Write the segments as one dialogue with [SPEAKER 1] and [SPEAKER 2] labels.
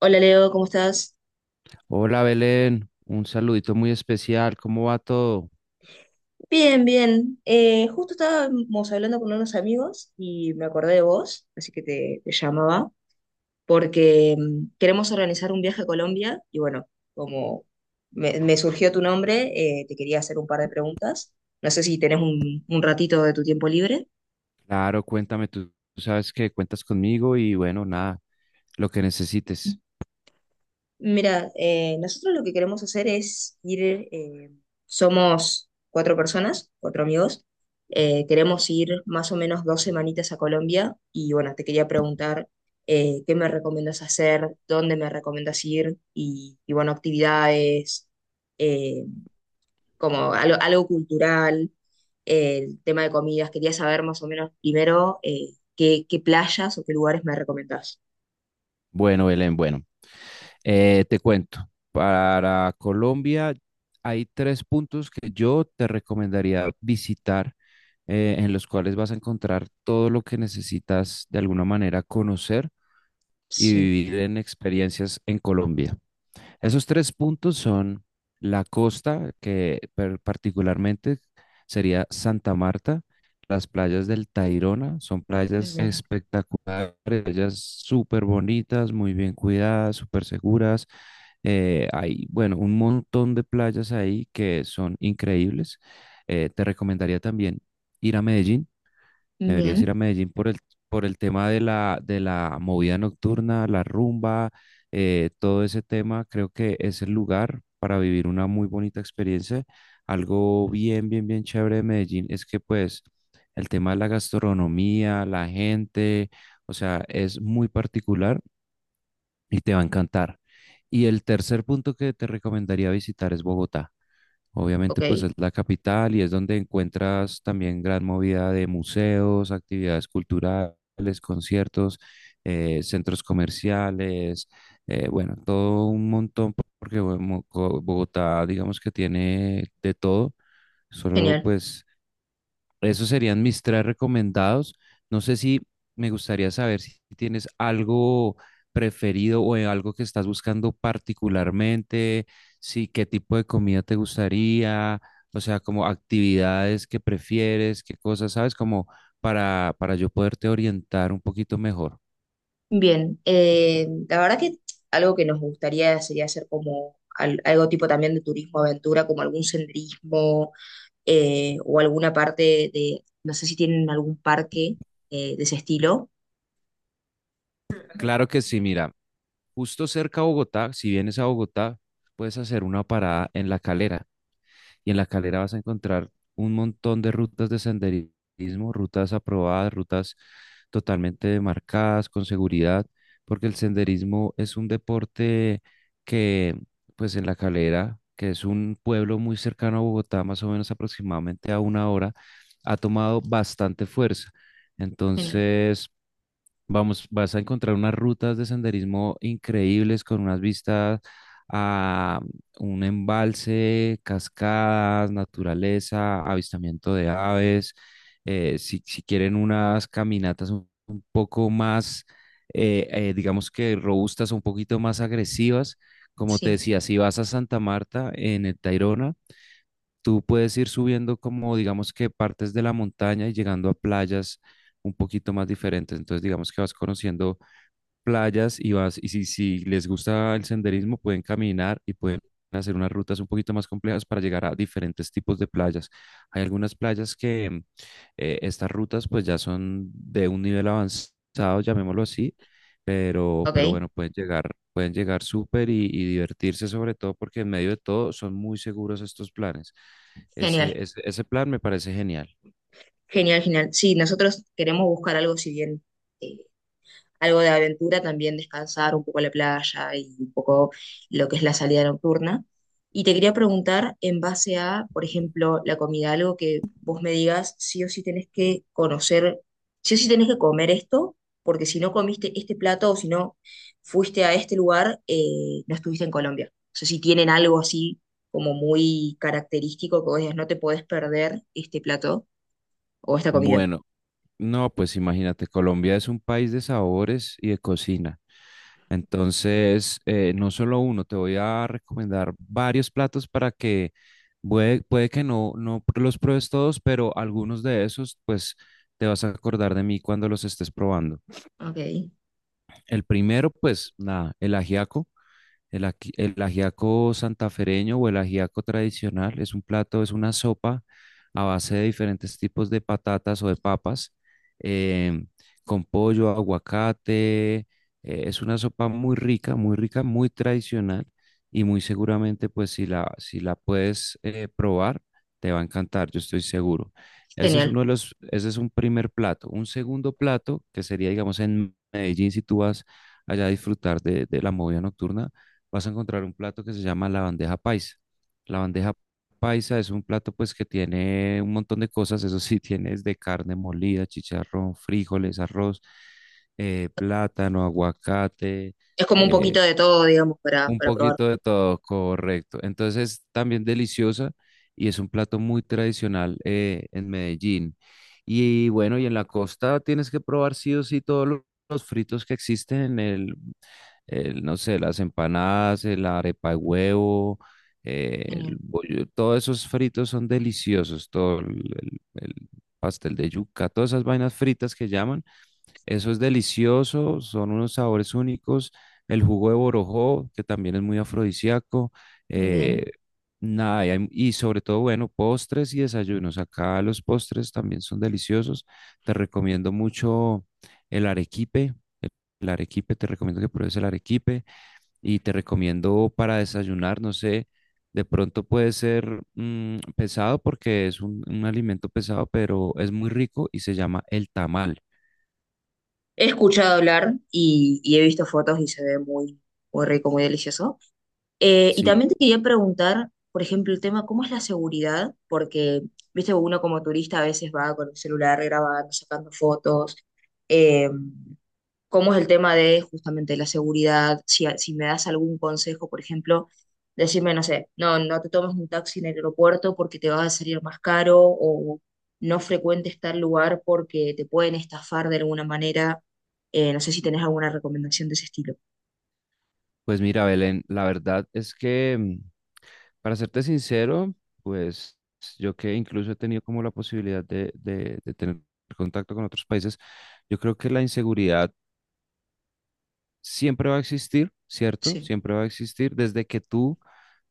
[SPEAKER 1] Hola Leo, ¿cómo estás?
[SPEAKER 2] Hola Belén, un saludito muy especial, ¿cómo va todo?
[SPEAKER 1] Bien, bien. Justo estábamos hablando con unos amigos y me acordé de vos, así que te llamaba, porque queremos organizar un viaje a Colombia y bueno, como me surgió tu nombre, te quería hacer un par de preguntas. No sé si tenés un ratito de tu tiempo libre.
[SPEAKER 2] Claro, cuéntame, tú sabes que cuentas conmigo y bueno, nada, lo que necesites.
[SPEAKER 1] Mira, nosotros lo que queremos hacer es ir, somos cuatro personas, cuatro amigos, queremos ir más o menos dos semanitas a Colombia y bueno, te quería preguntar qué me recomiendas hacer, dónde me recomiendas ir bueno, actividades, eh, como algo cultural, el tema de comidas, quería saber más o menos primero qué playas o qué lugares me recomendás.
[SPEAKER 2] Bueno, Belén, bueno, te cuento, para Colombia hay tres puntos que yo te recomendaría visitar, en los cuales vas a encontrar todo lo que necesitas de alguna manera conocer y
[SPEAKER 1] Sí,
[SPEAKER 2] vivir en experiencias en Colombia. Esos tres puntos son la costa, que particularmente sería Santa Marta, las playas del Tayrona, son playas
[SPEAKER 1] bien.
[SPEAKER 2] espectaculares, playas súper bonitas, muy bien cuidadas, súper seguras. Hay, bueno, un montón de playas ahí que son increíbles. Te recomendaría también ir a Medellín. Deberías ir a
[SPEAKER 1] Bien.
[SPEAKER 2] Medellín por el tema de la movida nocturna, la rumba, todo ese tema. Creo que es el lugar para vivir una muy bonita experiencia. Algo bien, bien, bien chévere de Medellín es que pues el tema de la gastronomía, la gente, o sea, es muy particular y te va a encantar. Y el tercer punto que te recomendaría visitar es Bogotá. Obviamente, pues
[SPEAKER 1] Ok,
[SPEAKER 2] es la capital y es donde encuentras también gran movida de museos, actividades culturales, conciertos, centros comerciales, bueno, todo un montón, porque bueno, Bogotá, digamos que tiene de todo, solo
[SPEAKER 1] genial.
[SPEAKER 2] pues esos serían mis tres recomendados. No sé si me gustaría saber si tienes algo preferido o algo que estás buscando particularmente, si qué tipo de comida te gustaría, o sea, como actividades que prefieres, qué cosas, ¿sabes? Como para yo poderte orientar un poquito mejor.
[SPEAKER 1] Bien, la verdad que algo que nos gustaría sería hacer como algo tipo también de turismo aventura, como algún senderismo o alguna parte de, no sé si tienen algún parque de ese estilo.
[SPEAKER 2] Claro que sí, mira, justo cerca a Bogotá, si vienes a Bogotá, puedes hacer una parada en La Calera. Y en la calera vas a encontrar un montón de rutas de senderismo, rutas aprobadas, rutas totalmente marcadas, con seguridad, porque el senderismo es un deporte que, pues en la calera, que es un pueblo muy cercano a Bogotá, más o menos aproximadamente a una hora, ha tomado bastante fuerza.
[SPEAKER 1] Genial,
[SPEAKER 2] Entonces, vamos, vas a encontrar unas rutas de senderismo increíbles con unas vistas a un embalse, cascadas, naturaleza, avistamiento de aves. Si quieren unas caminatas un poco más, digamos que robustas, un poquito más agresivas, como te
[SPEAKER 1] sí,
[SPEAKER 2] decía, si vas a Santa Marta en el Tayrona, tú puedes ir subiendo como digamos que partes de la montaña y llegando a playas un poquito más diferentes. Entonces digamos que vas conociendo playas y vas, y si les gusta el senderismo, pueden caminar y pueden hacer unas rutas un poquito más complejas para llegar a diferentes tipos de playas. Hay algunas playas que estas rutas pues ya son de un nivel avanzado, llamémoslo así, pero
[SPEAKER 1] ok,
[SPEAKER 2] bueno, pueden llegar súper y divertirse sobre todo porque en medio de todo son muy seguros estos planes.
[SPEAKER 1] genial,
[SPEAKER 2] Ese plan me parece genial.
[SPEAKER 1] genial, genial. Sí, nosotros queremos buscar algo si bien eh, algo de aventura, también descansar un poco la playa y un poco lo que es la salida nocturna. Y te quería preguntar en base a, por ejemplo, la comida, algo que vos me digas, sí o sí tenés que conocer, sí o sí tenés que comer esto, porque si no comiste este plato o si no fuiste a este lugar, no estuviste en Colombia. O sea, si tienen algo así como muy característico que vos digas, no te podés perder este plato o esta comida.
[SPEAKER 2] Bueno, no, pues imagínate, Colombia es un país de sabores y de cocina. Entonces, no solo uno, te voy a recomendar varios platos para que puede que no los pruebes todos, pero algunos de esos, pues te vas a acordar de mí cuando los estés probando.
[SPEAKER 1] Ok,
[SPEAKER 2] El primero, pues nada, el ajiaco. El ajiaco santafereño o el ajiaco tradicional es un plato, es una sopa a base de diferentes tipos de patatas o de papas, em, con pollo, aguacate. Es una sopa muy rica, muy rica, muy tradicional y muy seguramente, pues si la, si la puedes probar, te va a encantar, yo estoy seguro. Ese es
[SPEAKER 1] genial.
[SPEAKER 2] un primer plato. Un segundo plato, que sería, digamos, en Medellín, si tú vas allá a disfrutar de la movida nocturna vas a encontrar un plato que se llama la bandeja paisa. La bandeja paisa es un plato pues que tiene un montón de cosas, eso sí, tiene desde carne molida, chicharrón, frijoles, arroz, plátano, aguacate,
[SPEAKER 1] Es como un
[SPEAKER 2] eh,
[SPEAKER 1] poquito de todo, digamos,
[SPEAKER 2] un
[SPEAKER 1] para probar.
[SPEAKER 2] poquito de todo, correcto. Entonces es también deliciosa y es un plato muy tradicional en Medellín. Y bueno, y en la costa tienes que probar sí o sí todos los fritos que existen en el, no sé, las empanadas, el arepa de huevo, el
[SPEAKER 1] Genial.
[SPEAKER 2] bollo, todos esos fritos son deliciosos, todo el pastel de yuca, todas esas vainas fritas que llaman eso es delicioso, son unos sabores únicos. El jugo de borojó, que también es muy afrodisíaco. eh,
[SPEAKER 1] Bien.
[SPEAKER 2] Nada, y sobre todo, bueno, postres y desayunos. Acá los postres también son deliciosos. Te recomiendo mucho el arequipe. El el arequipe, te recomiendo que pruebes el arequipe y te recomiendo para desayunar, no sé, de pronto puede ser pesado porque es un alimento pesado, pero es muy rico y se llama el tamal.
[SPEAKER 1] He escuchado hablar y he visto fotos y se ve muy, muy rico, muy delicioso. Y
[SPEAKER 2] Sí,
[SPEAKER 1] también te quería preguntar, por ejemplo, el tema, ¿cómo es la seguridad? Porque, viste, uno como turista a veces va con el celular grabando, sacando fotos. em, ¿Cómo es el tema de justamente la seguridad? Si, si me das algún consejo, por ejemplo, decirme, no sé, no, no te tomes un taxi en el aeropuerto porque te va a salir más caro o no frecuentes tal lugar porque te pueden estafar de alguna manera. No sé si tenés alguna recomendación de ese estilo.
[SPEAKER 2] pues mira, Belén, la verdad es que, para serte sincero, pues yo que incluso he tenido como la posibilidad de tener contacto con otros países, yo creo que la inseguridad siempre va a existir, ¿cierto?
[SPEAKER 1] Sí.
[SPEAKER 2] Siempre va a existir desde que tú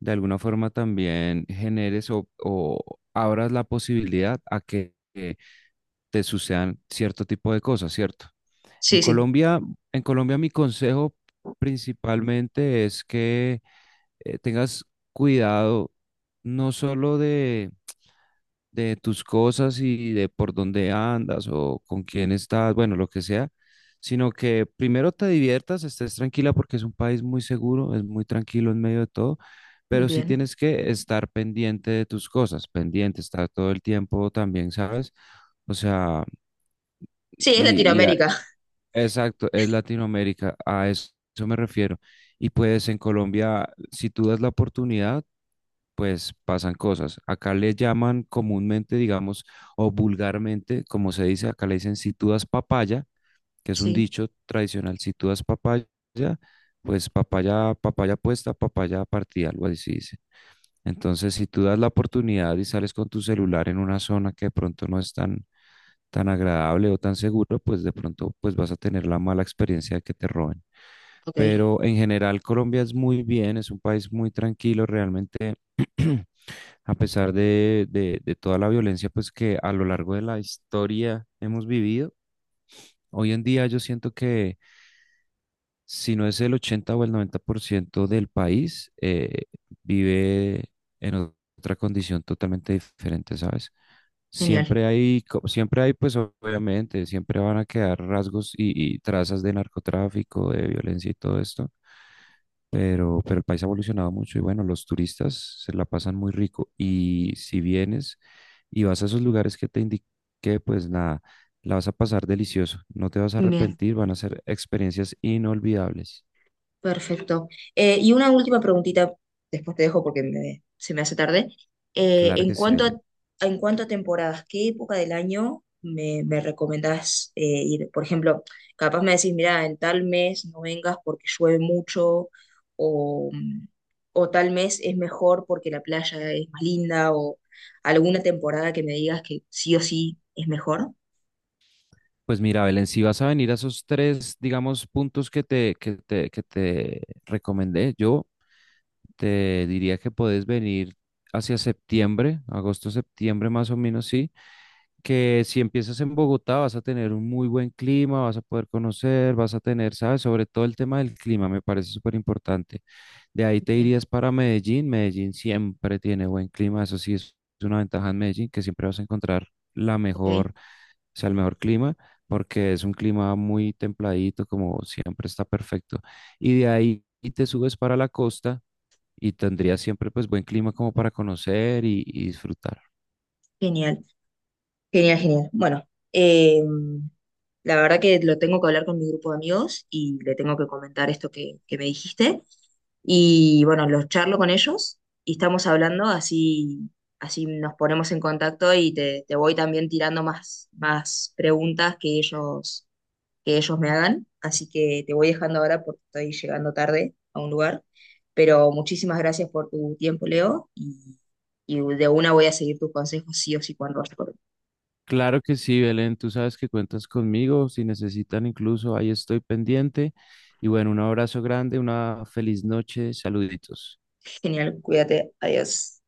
[SPEAKER 2] de alguna forma también generes o abras la posibilidad a que te sucedan cierto tipo de cosas, ¿cierto? En
[SPEAKER 1] Sí, sí.
[SPEAKER 2] Colombia, mi consejo principalmente es que tengas cuidado no solo de tus cosas y de por dónde andas o con quién estás, bueno, lo que sea, sino que primero te diviertas, estés tranquila porque es un país muy seguro, es muy tranquilo en medio de todo, pero sí
[SPEAKER 1] Bien.
[SPEAKER 2] tienes que estar pendiente de tus cosas, pendiente, estar todo el tiempo también, ¿sabes? O sea,
[SPEAKER 1] Sí, es
[SPEAKER 2] y, y a-
[SPEAKER 1] Latinoamérica.
[SPEAKER 2] exacto, es Latinoamérica, a eso me refiero. Y pues en Colombia, si tú das la oportunidad, pues pasan cosas. Acá le llaman comúnmente, digamos, o vulgarmente, como se dice, acá le dicen si tú das papaya, que es un
[SPEAKER 1] Sí.
[SPEAKER 2] dicho tradicional, si tú das papaya, pues papaya, papaya puesta, papaya partida, algo así dice. Entonces, si tú das la oportunidad y sales con tu celular en una zona que de pronto no es tan, tan agradable o tan seguro, pues de pronto pues vas a tener la mala experiencia de que te roben.
[SPEAKER 1] Ok,
[SPEAKER 2] Pero en general Colombia es muy bien, es un país muy tranquilo, realmente a pesar de toda la violencia pues que a lo largo de la historia hemos vivido, hoy en día yo siento que si no es el 80 o el 90% del país, vive en otra condición totalmente diferente, ¿sabes?
[SPEAKER 1] genial.
[SPEAKER 2] Siempre hay, pues obviamente, siempre van a quedar rasgos y trazas de narcotráfico, de violencia y todo esto, pero el país ha evolucionado mucho y bueno, los turistas se la pasan muy rico. Y si vienes y vas a esos lugares que te indiqué, pues nada, la vas a pasar delicioso. No te vas a
[SPEAKER 1] Bien.
[SPEAKER 2] arrepentir, van a ser experiencias inolvidables.
[SPEAKER 1] Perfecto. Y una última preguntita, después te dejo porque se me hace tarde. Eh,
[SPEAKER 2] Claro
[SPEAKER 1] en
[SPEAKER 2] que sí,
[SPEAKER 1] cuanto
[SPEAKER 2] Belén.
[SPEAKER 1] a, en cuanto a temporadas, ¿qué época del año me recomendás ir? Por ejemplo, capaz me decís, mira, en tal mes no vengas porque llueve mucho, o, o tal mes es mejor porque la playa es más linda, o alguna temporada que me digas que sí o sí es mejor.
[SPEAKER 2] Pues mira, Belén, si vas a venir a esos tres, digamos, puntos que te recomendé, yo te diría que puedes venir hacia septiembre, agosto, septiembre más o menos, sí que si empiezas en Bogotá vas a tener un muy buen clima, vas a poder conocer, vas a tener, ¿sabes? Sobre todo el tema del clima, me parece súper importante. De ahí te
[SPEAKER 1] Bien,
[SPEAKER 2] irías para Medellín. Medellín siempre tiene buen clima, eso sí es una ventaja en Medellín, que siempre vas a encontrar la mejor,
[SPEAKER 1] ok.
[SPEAKER 2] o sea, el mejor clima, porque es un clima muy templadito, como siempre está perfecto. Y de ahí te subes para la costa y tendrías siempre pues buen clima como para conocer y disfrutar.
[SPEAKER 1] Genial, genial, genial. Bueno. em, La verdad que lo tengo que hablar con mi grupo de amigos y le tengo que comentar esto que me dijiste. Y bueno, los charlo con ellos y estamos hablando, así, así nos ponemos en contacto y te voy también tirando más, más preguntas que ellos me hagan. Así que te voy dejando ahora porque estoy llegando tarde a un lugar. Pero muchísimas gracias por tu tiempo, Leo, y de una voy a seguir tus consejos sí o sí cuando vaya por.
[SPEAKER 2] Claro que sí, Belén, tú sabes que cuentas conmigo, si necesitan incluso, ahí estoy pendiente. Y bueno, un abrazo grande, una feliz noche, saluditos.
[SPEAKER 1] Genial, cuídate, adiós.